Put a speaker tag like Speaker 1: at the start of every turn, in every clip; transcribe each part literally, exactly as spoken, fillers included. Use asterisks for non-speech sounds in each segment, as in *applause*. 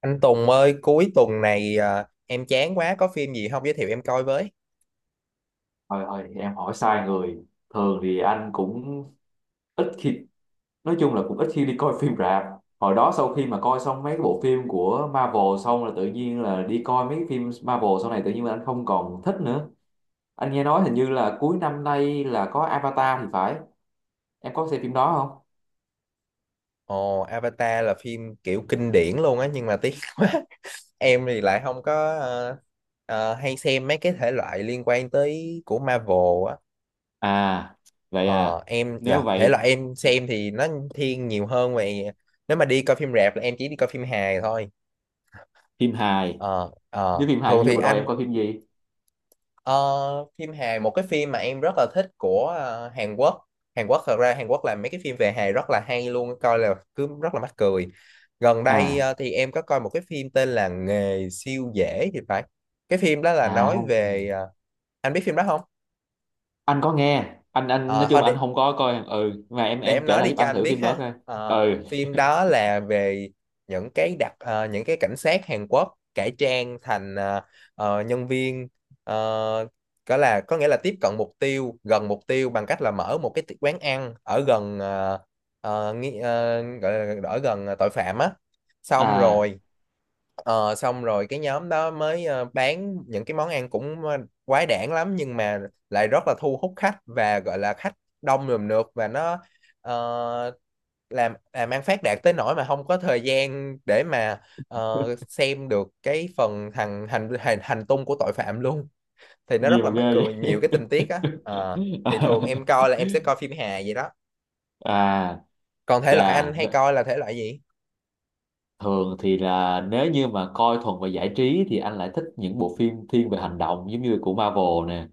Speaker 1: Anh Tùng ơi, cuối tuần này à, em chán quá, có phim gì không giới thiệu em coi với?
Speaker 2: Thôi thôi, em hỏi sai người. Thường thì anh cũng ít khi, nói chung là cũng ít khi đi coi phim rạp. Hồi đó sau khi mà coi xong mấy cái bộ phim của Marvel xong là tự nhiên là đi coi mấy cái phim Marvel sau này tự nhiên là anh không còn thích nữa. Anh nghe nói hình như là cuối năm nay là có Avatar thì phải. Em có xem phim đó không?
Speaker 1: Ồ, Avatar là phim kiểu kinh điển luôn á, nhưng mà tiếc *laughs* quá. Em thì lại không có ờ, ờ, hay xem mấy cái thể loại liên quan tới của Marvel á.
Speaker 2: À, vậy
Speaker 1: Ờ,
Speaker 2: à,
Speaker 1: em,
Speaker 2: nếu
Speaker 1: dạ, thể
Speaker 2: vậy
Speaker 1: loại em xem thì nó thiên nhiều hơn về... Nếu mà đi coi phim rạp là em chỉ đi coi phim hài thôi.
Speaker 2: phim hài.
Speaker 1: Ờ,
Speaker 2: Nếu
Speaker 1: ờ,
Speaker 2: phim hài,
Speaker 1: thường
Speaker 2: như
Speaker 1: thì
Speaker 2: vừa rồi em
Speaker 1: anh
Speaker 2: coi phim gì?
Speaker 1: Ờ, phim hài một cái phim mà em rất là thích của ờ, Hàn Quốc. Hàn Quốc thật ra Hàn Quốc làm mấy cái phim về hài rất là hay luôn, coi là cứ rất là mắc cười. Gần đây
Speaker 2: À,
Speaker 1: ờ, thì em có coi một cái phim tên là Nghề siêu dễ thì phải. Cái phim đó là nói
Speaker 2: à,
Speaker 1: về ờ, anh biết phim đó không?
Speaker 2: anh có nghe. Anh anh nói
Speaker 1: Ờ, thôi
Speaker 2: chung anh
Speaker 1: để
Speaker 2: không có coi. Ừ, mà em
Speaker 1: để
Speaker 2: em
Speaker 1: em
Speaker 2: kể
Speaker 1: nói
Speaker 2: lại
Speaker 1: đi
Speaker 2: giúp
Speaker 1: cho
Speaker 2: anh
Speaker 1: anh
Speaker 2: thử
Speaker 1: biết
Speaker 2: phim đó
Speaker 1: ha.
Speaker 2: coi.
Speaker 1: Ờ,
Speaker 2: Ừ.
Speaker 1: phim đó là về những cái đặc ờ, những cái cảnh sát Hàn Quốc cải trang thành ờ, ờ, nhân viên, ờ, có là có nghĩa là tiếp cận mục tiêu, gần mục tiêu bằng cách là mở một cái ti- quán ăn ở gần ờ, ờ, nghi- ờ, gọi là ở gần ờ, tội phạm á, xong
Speaker 2: À.
Speaker 1: rồi. Ờ, xong rồi cái nhóm đó mới ờ, bán những cái món ăn cũng ờ, quái đản lắm, nhưng mà lại rất là thu hút khách, và gọi là khách đông rườm rượp, và nó ờ, làm làm ăn phát đạt tới nỗi mà không có thời gian để mà ờ,
Speaker 2: *laughs*
Speaker 1: xem được cái phần thằng hành hành hành tung của tội phạm luôn. Thì nó
Speaker 2: Gì
Speaker 1: rất
Speaker 2: mà
Speaker 1: là mắc
Speaker 2: ghê
Speaker 1: cười,
Speaker 2: vậy?
Speaker 1: nhiều cái tình tiết á. Ờ, thì thường em coi là em sẽ coi
Speaker 2: *laughs*
Speaker 1: phim hài vậy đó.
Speaker 2: À,
Speaker 1: Còn thể loại anh
Speaker 2: chà,
Speaker 1: hay coi là thể loại gì?
Speaker 2: thường thì là nếu như mà coi thuần về giải trí thì anh lại thích những bộ phim thiên về hành động giống như của Marvel nè.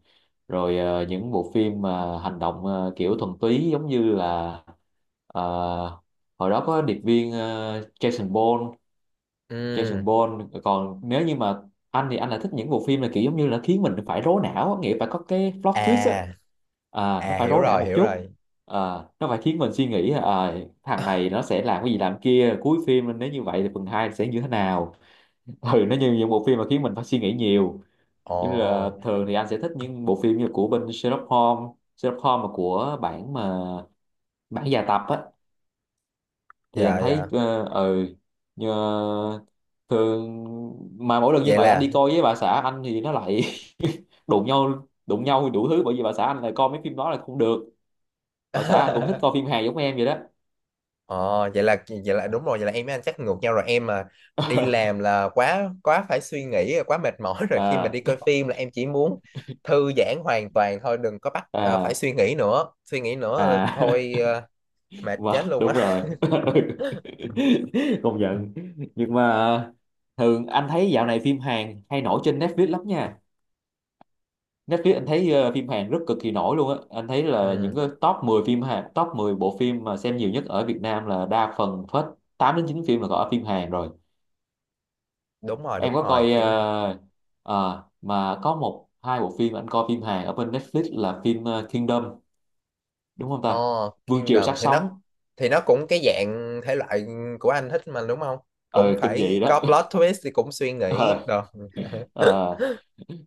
Speaker 2: Rồi ờ, những bộ phim mà hành động, ờ, kiểu thuần túy giống như là, ờ, hồi đó có điệp viên, ờ, Jason Bourne.
Speaker 1: Ừ.
Speaker 2: Jason Bourne, còn nếu như mà anh thì anh lại thích những bộ phim là kiểu giống như là khiến mình phải rối não á, nghĩa phải có cái plot twist á.
Speaker 1: À.
Speaker 2: À, nó
Speaker 1: À,
Speaker 2: phải
Speaker 1: hiểu
Speaker 2: rối não
Speaker 1: rồi,
Speaker 2: một
Speaker 1: hiểu
Speaker 2: chút.
Speaker 1: rồi.
Speaker 2: À, nó phải khiến mình suy nghĩ. À, thằng này nó sẽ làm cái gì làm kia, cuối phim nếu như vậy thì phần hai sẽ như thế nào. Ừ, nó như những bộ phim mà khiến mình phải suy nghĩ nhiều. Nhưng là
Speaker 1: Ồ.
Speaker 2: thường thì anh sẽ thích những bộ phim như của bên Sherlock Holmes. Sherlock Holmes mà của bản mà bản dài tập á, thì anh
Speaker 1: Dạ,
Speaker 2: thấy
Speaker 1: dạ.
Speaker 2: ờ, ừ. Như, thường mà mỗi lần như
Speaker 1: Vậy
Speaker 2: vậy anh
Speaker 1: là
Speaker 2: đi coi với bà xã anh thì nó lại *laughs* đụng nhau đụng nhau đủ thứ, bởi vì bà xã anh lại coi mấy phim đó là không được. Bà xã anh cũng thích coi
Speaker 1: *laughs*
Speaker 2: phim hài giống em vậy đó.
Speaker 1: ờ, vậy là vậy là đúng rồi, vậy là em với anh chắc ngược nhau rồi. Em mà đi
Speaker 2: *laughs*
Speaker 1: làm là quá quá phải suy nghĩ, quá mệt mỏi *laughs* rồi, khi mà
Speaker 2: À,
Speaker 1: đi coi phim là em chỉ muốn thư giãn hoàn toàn thôi, đừng có bắt ờ, phải
Speaker 2: à,
Speaker 1: suy nghĩ nữa, suy nghĩ nữa, ờ,
Speaker 2: à.
Speaker 1: thôi ờ,
Speaker 2: *laughs*
Speaker 1: mệt
Speaker 2: Mà
Speaker 1: chết luôn
Speaker 2: đúng
Speaker 1: á.
Speaker 2: rồi. *laughs* Công nhận. Nhưng mà thường anh thấy dạo này phim Hàn hay nổi trên Netflix lắm nha. Netflix anh thấy ờ, phim Hàn rất cực kỳ nổi luôn á. Anh thấy là những
Speaker 1: Ừ,
Speaker 2: cái top mười phim Hàn, top mười bộ phim mà xem nhiều nhất ở Việt Nam là đa phần hết tám đến chín phim là có phim Hàn rồi.
Speaker 1: đúng rồi,
Speaker 2: Em
Speaker 1: đúng
Speaker 2: có
Speaker 1: rồi
Speaker 2: coi,
Speaker 1: phim
Speaker 2: ờ, ờ, mà có một hai bộ phim anh coi phim Hàn ở bên Netflix là phim ờ, Kingdom, đúng không
Speaker 1: ờ
Speaker 2: ta? Vương triều
Speaker 1: Kingdom
Speaker 2: xác
Speaker 1: thì nó
Speaker 2: sống.
Speaker 1: thì nó cũng cái dạng thể loại của anh thích mà đúng không, cũng
Speaker 2: ờ Kinh dị
Speaker 1: phải có
Speaker 2: đó.
Speaker 1: plot twist thì cũng suy nghĩ rồi.
Speaker 2: *laughs*
Speaker 1: *laughs*
Speaker 2: Ờ.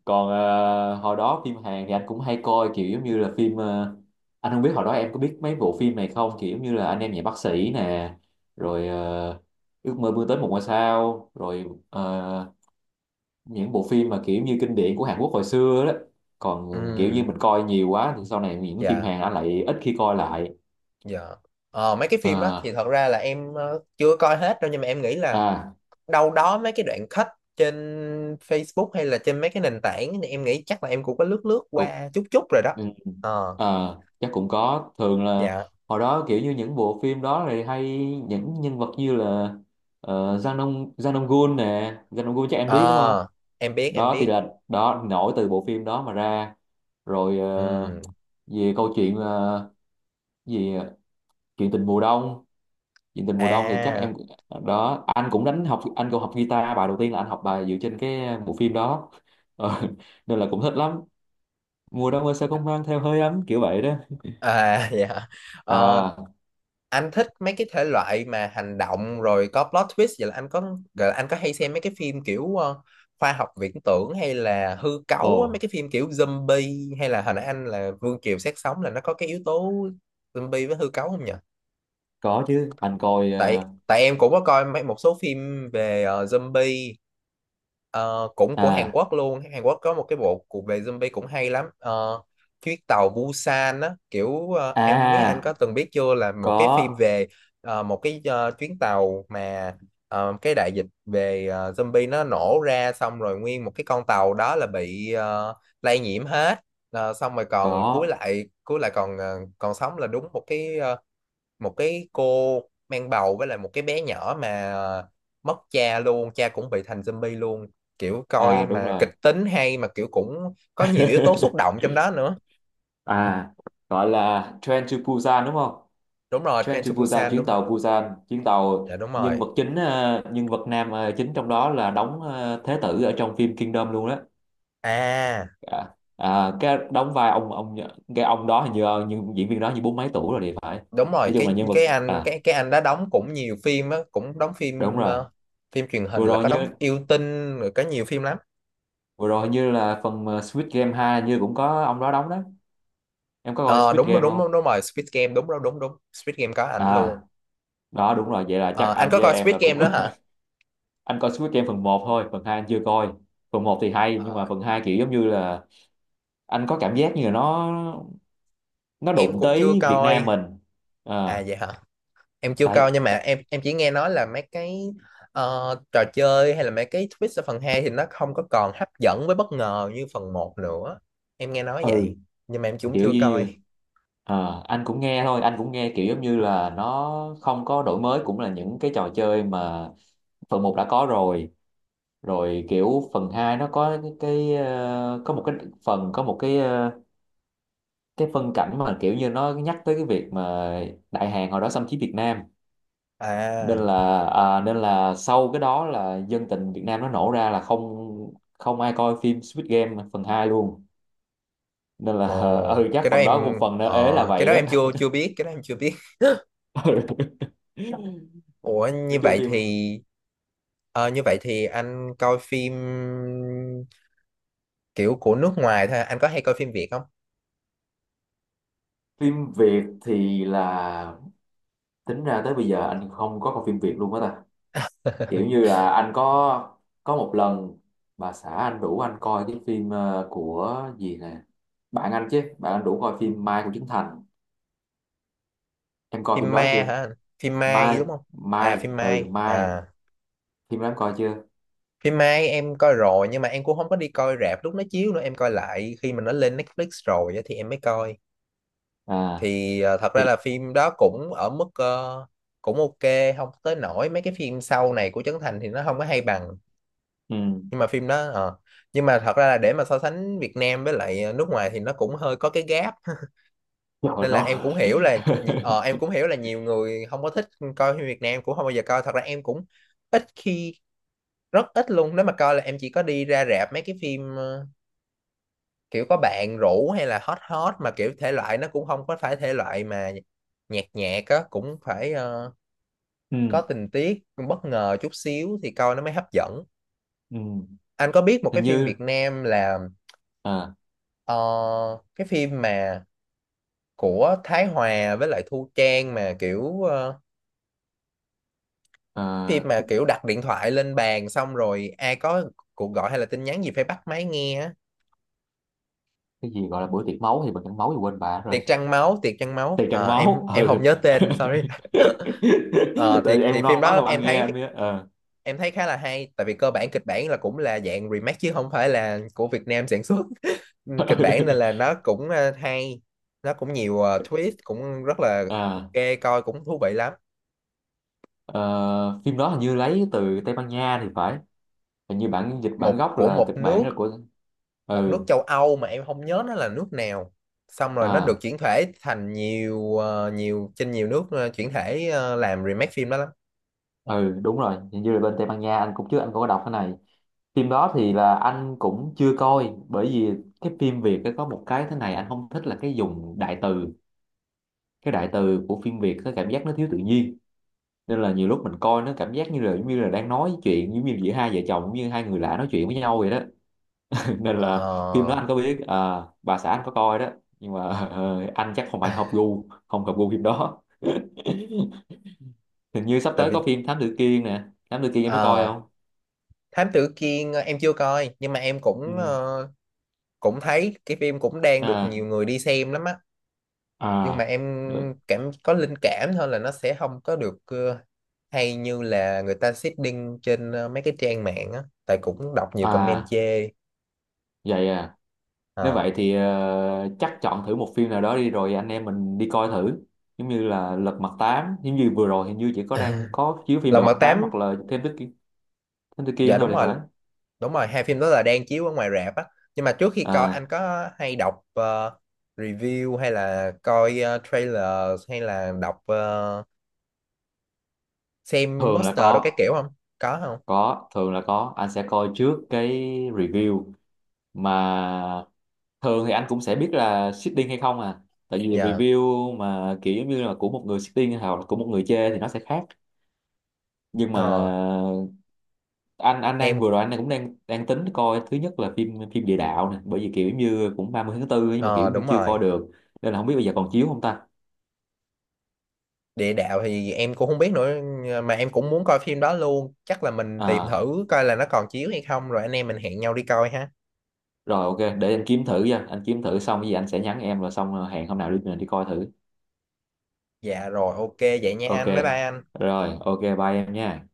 Speaker 2: Còn ờ, hồi đó phim Hàn thì anh cũng hay coi kiểu giống như là phim, ờ, anh không biết hồi đó em có biết mấy bộ phim này không, kiểu giống như là anh em nhà bác sĩ nè. Rồi ờ, ước mơ vươn tới một ngôi sao. Rồi ờ, những bộ phim mà kiểu như kinh điển của Hàn Quốc hồi xưa đó. Còn kiểu như
Speaker 1: Ừ.
Speaker 2: mình coi nhiều quá thì sau này những phim
Speaker 1: Dạ.
Speaker 2: Hàn anh lại ít khi coi lại.
Speaker 1: Dạ. Ờ, mấy cái phim đó thì
Speaker 2: À,
Speaker 1: thật ra là em ờ, chưa coi hết đâu, nhưng mà em nghĩ là
Speaker 2: à.
Speaker 1: đâu đó mấy cái đoạn cut trên Facebook hay là trên mấy cái nền tảng thì em nghĩ chắc là em cũng có lướt lướt qua chút chút rồi đó.
Speaker 2: Ừ.
Speaker 1: Ờ,
Speaker 2: Ờ, chắc cũng có. Thường là
Speaker 1: dạ.
Speaker 2: hồi đó kiểu như những bộ phim đó thì hay những nhân vật như là ờ, Jang Dong Jang Dong Gun nè. Jang Dong Gun chắc em biết đúng không?
Speaker 1: Ờ, em biết em
Speaker 2: Đó thì
Speaker 1: biết.
Speaker 2: là đó nổi từ bộ phim đó mà ra. Rồi ờ,
Speaker 1: Ừ.
Speaker 2: về câu chuyện ờ, gì, chuyện tình mùa đông. Chuyện tình mùa đông thì chắc
Speaker 1: À,
Speaker 2: em, đó, anh cũng đánh học, anh cũng học guitar bài đầu tiên là anh học bài dựa trên cái bộ phim đó. *laughs* Ờ, nên là cũng thích lắm. Mùa đông ơi sao không mang theo hơi ấm, kiểu vậy đó.
Speaker 1: à, *laughs* dạ. Ờ,
Speaker 2: À,
Speaker 1: anh thích mấy cái thể loại mà hành động rồi có plot twist, vậy là anh có gọi là anh có hay xem mấy cái phim kiểu ờ, khoa học viễn tưởng hay là hư
Speaker 2: ồ
Speaker 1: cấu á, mấy cái phim kiểu zombie, hay là hồi nãy anh là Vương Kiều Xác Sống là nó có cái yếu tố zombie với hư cấu không nhỉ?
Speaker 2: có chứ, anh coi
Speaker 1: Tại
Speaker 2: ờ,
Speaker 1: tại em cũng có coi mấy một số phim về ờ, zombie. Ờ, cũng của Hàn
Speaker 2: à,
Speaker 1: Quốc luôn, Hàn Quốc có một cái bộ cuộc về zombie cũng hay lắm. Ờ, chuyến tàu Busan á, kiểu ờ,
Speaker 2: à,
Speaker 1: em không biết anh có
Speaker 2: à,
Speaker 1: từng biết chưa, là một cái phim
Speaker 2: có
Speaker 1: về ờ, một cái ờ, chuyến tàu mà ờ, cái đại dịch về ờ, zombie nó nổ ra, xong rồi nguyên một cái con tàu đó là bị ờ, lây nhiễm hết. Ờ, xong rồi còn cuối
Speaker 2: có
Speaker 1: lại cuối lại còn ờ, còn sống là đúng một cái ờ, một cái cô mang bầu với lại một cái bé nhỏ mà ờ, mất cha luôn, cha cũng bị thành zombie luôn. Kiểu
Speaker 2: à
Speaker 1: coi
Speaker 2: đúng
Speaker 1: mà
Speaker 2: rồi.
Speaker 1: kịch tính hay, mà kiểu cũng có nhiều yếu tố xúc
Speaker 2: *laughs*
Speaker 1: động trong đó nữa.
Speaker 2: À, gọi là Train to Busan đúng không?
Speaker 1: Đúng rồi,
Speaker 2: Train
Speaker 1: Train
Speaker 2: to
Speaker 1: to
Speaker 2: Busan,
Speaker 1: Busan,
Speaker 2: chuyến
Speaker 1: đúng rồi.
Speaker 2: tàu Busan, chuyến tàu.
Speaker 1: Dạ đúng
Speaker 2: Nhân
Speaker 1: rồi.
Speaker 2: vật chính, ờ, nhân vật nam ờ, chính trong đó là đóng ờ, Thế tử ở trong phim Kingdom luôn đó.
Speaker 1: À
Speaker 2: À, à, cái đóng vai ông ông cái ông đó hình như ờ, như diễn viên đó như bốn mấy tuổi rồi thì phải.
Speaker 1: đúng rồi,
Speaker 2: Nói chung là
Speaker 1: cái
Speaker 2: nhân vật.
Speaker 1: cái anh
Speaker 2: À
Speaker 1: cái cái anh đã đóng cũng nhiều phim á, cũng đóng
Speaker 2: đúng
Speaker 1: phim
Speaker 2: rồi,
Speaker 1: ờ, phim truyền hình
Speaker 2: vừa
Speaker 1: là
Speaker 2: rồi
Speaker 1: có
Speaker 2: như
Speaker 1: đóng yêu tinh rồi, có nhiều phim lắm.
Speaker 2: vừa rồi như là phần ờ, Squid Game hai như cũng có ông đó đóng đó. Em có coi
Speaker 1: Ờ,
Speaker 2: Squid
Speaker 1: đúng đúng
Speaker 2: Game không?
Speaker 1: đúng, đúng rồi Squid Game, đúng đúng đúng đúng, Squid Game có ảnh
Speaker 2: À,
Speaker 1: luôn.
Speaker 2: đó đúng rồi, vậy là chắc
Speaker 1: Ờ, anh
Speaker 2: anh
Speaker 1: có
Speaker 2: với
Speaker 1: coi
Speaker 2: em
Speaker 1: Squid
Speaker 2: là
Speaker 1: Game
Speaker 2: cũng.
Speaker 1: đó hả?
Speaker 2: *laughs* Anh coi Squid Game phần một thôi, phần hai anh chưa coi. Phần một thì hay nhưng
Speaker 1: Ờ,
Speaker 2: mà phần hai kiểu giống như là anh có cảm giác như là nó nó
Speaker 1: em
Speaker 2: đụng
Speaker 1: cũng chưa
Speaker 2: tới Việt Nam
Speaker 1: coi.
Speaker 2: mình. À,
Speaker 1: À vậy hả, em chưa
Speaker 2: tại.
Speaker 1: coi, nhưng mà em em chỉ nghe nói là mấy cái ờ, trò chơi hay là mấy cái twist ở phần hai thì nó không có còn hấp dẫn với bất ngờ như phần một nữa, em nghe nói
Speaker 2: Ừ,
Speaker 1: vậy, nhưng mà em cũng
Speaker 2: kiểu
Speaker 1: chưa
Speaker 2: như
Speaker 1: coi.
Speaker 2: như- à, anh cũng nghe thôi, anh cũng nghe kiểu giống như là nó không có đổi mới, cũng là những cái trò chơi mà phần một đã có rồi. Rồi kiểu phần hai nó có cái, cái ờ, có một cái phần, có một cái ờ, cái phân cảnh mà kiểu như nó nhắc tới cái việc mà Đại Hàn hồi đó xâm chiếm Việt Nam. Nên
Speaker 1: À.
Speaker 2: là, à, nên là sau cái đó là dân tình Việt Nam nó nổ ra là không không ai coi phim Squid Game phần hai luôn. Nên là.
Speaker 1: Ồ,
Speaker 2: *laughs* Ừ chắc
Speaker 1: cái đó
Speaker 2: phần đó cũng,
Speaker 1: em
Speaker 2: phần nó ế là
Speaker 1: ờ, cái
Speaker 2: vậy
Speaker 1: đó
Speaker 2: đó.
Speaker 1: em chưa chưa biết, cái đó em chưa biết.
Speaker 2: *laughs* Ừ,
Speaker 1: Ủa
Speaker 2: nói
Speaker 1: như
Speaker 2: chung
Speaker 1: vậy
Speaker 2: phim
Speaker 1: thì ờ, như vậy thì anh coi phim kiểu của nước ngoài thôi, anh có hay coi phim Việt không?
Speaker 2: phim Việt thì là tính ra tới bây giờ anh không có coi phim Việt luôn á ta. Kiểu
Speaker 1: *laughs*
Speaker 2: như là anh có có một lần bà xã anh rủ anh coi cái phim ờ, của gì nè, bạn anh chứ, bạn anh rủ coi phim Mai của Trấn Thành. Em coi
Speaker 1: Phim
Speaker 2: phim
Speaker 1: ma
Speaker 2: đó chưa?
Speaker 1: hả anh? Phim Mai
Speaker 2: Mai,
Speaker 1: đúng không? À,
Speaker 2: Mai,
Speaker 1: phim
Speaker 2: ừ
Speaker 1: Mai
Speaker 2: Mai,
Speaker 1: à.
Speaker 2: phim đó em coi chưa?
Speaker 1: Phim Mai em coi rồi, nhưng mà em cũng không có đi coi rạp lúc nó chiếu nữa, em coi lại khi mà nó lên Netflix rồi á, thì em mới coi.
Speaker 2: À
Speaker 1: Thì ờ, thật
Speaker 2: thì,
Speaker 1: ra là phim đó cũng ở mức ờ, cũng ok, không tới nổi, mấy cái phim sau này của Trấn Thành thì nó không có hay bằng.
Speaker 2: ừ,
Speaker 1: Nhưng mà phim đó ờ. Nhưng mà thật ra là để mà so sánh Việt Nam với lại ờ, nước ngoài thì nó cũng hơi có cái gap *laughs*
Speaker 2: rồi
Speaker 1: nên là em
Speaker 2: nó.
Speaker 1: cũng hiểu là
Speaker 2: *laughs*
Speaker 1: nhi- ờ, em cũng hiểu là nhiều người không có thích coi phim Việt Nam. Em cũng không bao giờ coi, thật ra em cũng ít khi, rất ít luôn. Nếu mà coi là em chỉ có đi ra rạp mấy cái phim ờ, kiểu có bạn rủ, hay là hot hot, mà kiểu thể loại nó cũng không có phải thể loại mà nhạt nhạt á, cũng phải ờ, có
Speaker 2: Ừ,
Speaker 1: tình tiết bất ngờ chút xíu thì coi nó mới hấp dẫn.
Speaker 2: ừ.
Speaker 1: Anh có biết một cái
Speaker 2: Hình
Speaker 1: phim
Speaker 2: như,
Speaker 1: Việt Nam là
Speaker 2: à,
Speaker 1: ờ, cái phim mà của Thái Hòa với lại Thu Trang mà kiểu ờ, phim
Speaker 2: à,
Speaker 1: mà kiểu đặt điện thoại lên bàn, xong rồi ai có cuộc gọi hay là tin nhắn gì phải bắt máy nghe á.
Speaker 2: cái gì gọi là bữa tiệc máu, thì bữa tiệc máu thì quên bà rồi.
Speaker 1: Tiệc trăng máu, tiệc trăng máu.
Speaker 2: Tiệc trăng
Speaker 1: Ờ, em
Speaker 2: máu,
Speaker 1: em không
Speaker 2: ừ.
Speaker 1: nhớ
Speaker 2: *laughs*
Speaker 1: tên, sorry. *laughs* Ờ, thì
Speaker 2: Rồi
Speaker 1: thì
Speaker 2: em
Speaker 1: phim
Speaker 2: nói
Speaker 1: đó
Speaker 2: xong anh
Speaker 1: em
Speaker 2: nghe anh
Speaker 1: thấy
Speaker 2: biết. Ờ.
Speaker 1: em thấy khá là hay, tại vì cơ bản kịch bản là cũng là dạng remake chứ không phải là của Việt Nam sản xuất *laughs* kịch bản, nên là
Speaker 2: *laughs*
Speaker 1: nó cũng ờ, hay, nó cũng nhiều ờ, twist, cũng rất là
Speaker 2: À,
Speaker 1: ok, coi cũng thú vị lắm.
Speaker 2: ờ, phim đó hình như lấy từ Tây Ban Nha thì phải. Hình như bản dịch bản
Speaker 1: Một
Speaker 2: gốc
Speaker 1: của
Speaker 2: là
Speaker 1: một
Speaker 2: kịch
Speaker 1: nước,
Speaker 2: bản là của.
Speaker 1: một nước
Speaker 2: Ừ,
Speaker 1: châu Âu mà em không nhớ nó là nước nào, xong rồi nó được
Speaker 2: à,
Speaker 1: chuyển thể thành nhiều ờ, nhiều trên nhiều nước, ờ, chuyển thể ờ, làm remake phim đó lắm.
Speaker 2: ừ đúng rồi, hình như là bên Tây Ban Nha anh cũng, trước anh cũng có đọc cái này. Phim đó thì là anh cũng chưa coi bởi vì cái phim Việt nó có một cái thế này anh không thích là cái dùng đại từ. Cái đại từ của phim Việt nó cảm giác nó thiếu tự nhiên. Nên là nhiều lúc mình coi nó cảm giác như là giống như là đang nói chuyện giống như giữa hai vợ chồng, giống như hai người lạ nói chuyện với nhau vậy đó. *laughs* Nên là phim đó
Speaker 1: Ờ,
Speaker 2: anh có biết, à, bà xã anh có coi đó. Nhưng mà ờ, anh chắc không phải hợp gu, không hợp gu phim đó. Hình như sắp
Speaker 1: tại
Speaker 2: tới
Speaker 1: vì
Speaker 2: có phim Thám Tử Kiên nè. Thám Tử Kiên em có coi
Speaker 1: ờ,
Speaker 2: không?
Speaker 1: Thám Tử Kiên, ờ, em chưa coi, nhưng mà em
Speaker 2: Ừ.
Speaker 1: cũng ờ, cũng thấy cái phim cũng đang được nhiều
Speaker 2: À,
Speaker 1: người đi xem lắm á, nhưng mà
Speaker 2: à
Speaker 1: em
Speaker 2: được,
Speaker 1: cảm có linh cảm thôi là nó sẽ không có được ờ, hay như là người ta seeding trên ờ, mấy cái trang mạng á, tại cũng đọc nhiều comment
Speaker 2: à
Speaker 1: chê.
Speaker 2: vậy à, nếu
Speaker 1: Ờ.
Speaker 2: vậy thì ờ, chắc chọn thử một phim nào đó đi rồi anh em mình đi coi thử. Giống như là Lật Mặt Tám, giống như vừa rồi hình như chỉ có đang
Speaker 1: *laughs*
Speaker 2: có chiếu phim Lật
Speaker 1: Lòng
Speaker 2: Mặt
Speaker 1: Mật
Speaker 2: Tám
Speaker 1: Tám.
Speaker 2: hoặc là Thám Tử Kiên, Thám Tử Kiên
Speaker 1: Dạ
Speaker 2: thôi
Speaker 1: đúng
Speaker 2: thì
Speaker 1: rồi,
Speaker 2: phải.
Speaker 1: đúng rồi, hai phim đó là đang chiếu ở ngoài rạp á. Nhưng mà trước khi coi anh
Speaker 2: À,
Speaker 1: có hay đọc ờ, review, hay là coi ờ, trailer, hay là đọc ờ, xem
Speaker 2: thường là
Speaker 1: poster đồ cái
Speaker 2: có
Speaker 1: kiểu không? Có không?
Speaker 2: có thường là có, anh sẽ coi trước cái review, mà thường thì anh cũng sẽ biết là seeding hay không à. Tại vì
Speaker 1: Dạ.
Speaker 2: review mà kiểu giống như là của một người seeding hoặc là của một người chê thì nó sẽ khác. Nhưng mà
Speaker 1: Ờ,
Speaker 2: anh anh đang
Speaker 1: em
Speaker 2: vừa rồi anh cũng đang đang tính coi thứ nhất là phim phim địa đạo nè, bởi vì kiểu như cũng ba mươi tháng tư nhưng mà kiểu
Speaker 1: ờ,
Speaker 2: như
Speaker 1: đúng
Speaker 2: chưa coi
Speaker 1: rồi.
Speaker 2: được. Nên là không biết bây giờ còn chiếu không ta.
Speaker 1: Địa đạo thì em cũng không biết nữa, mà em cũng muốn coi phim đó luôn, chắc là mình tìm
Speaker 2: À,
Speaker 1: thử coi là nó còn chiếu hay không rồi anh em mình hẹn nhau đi coi ha.
Speaker 2: rồi ok để anh kiếm thử nha, anh kiếm thử xong cái gì anh sẽ nhắn em rồi xong ờ, hẹn hôm nào đi mình đi coi thử.
Speaker 1: Dạ rồi, ok vậy nha
Speaker 2: Ok
Speaker 1: anh, bye bye anh.
Speaker 2: rồi, ok bye em nha.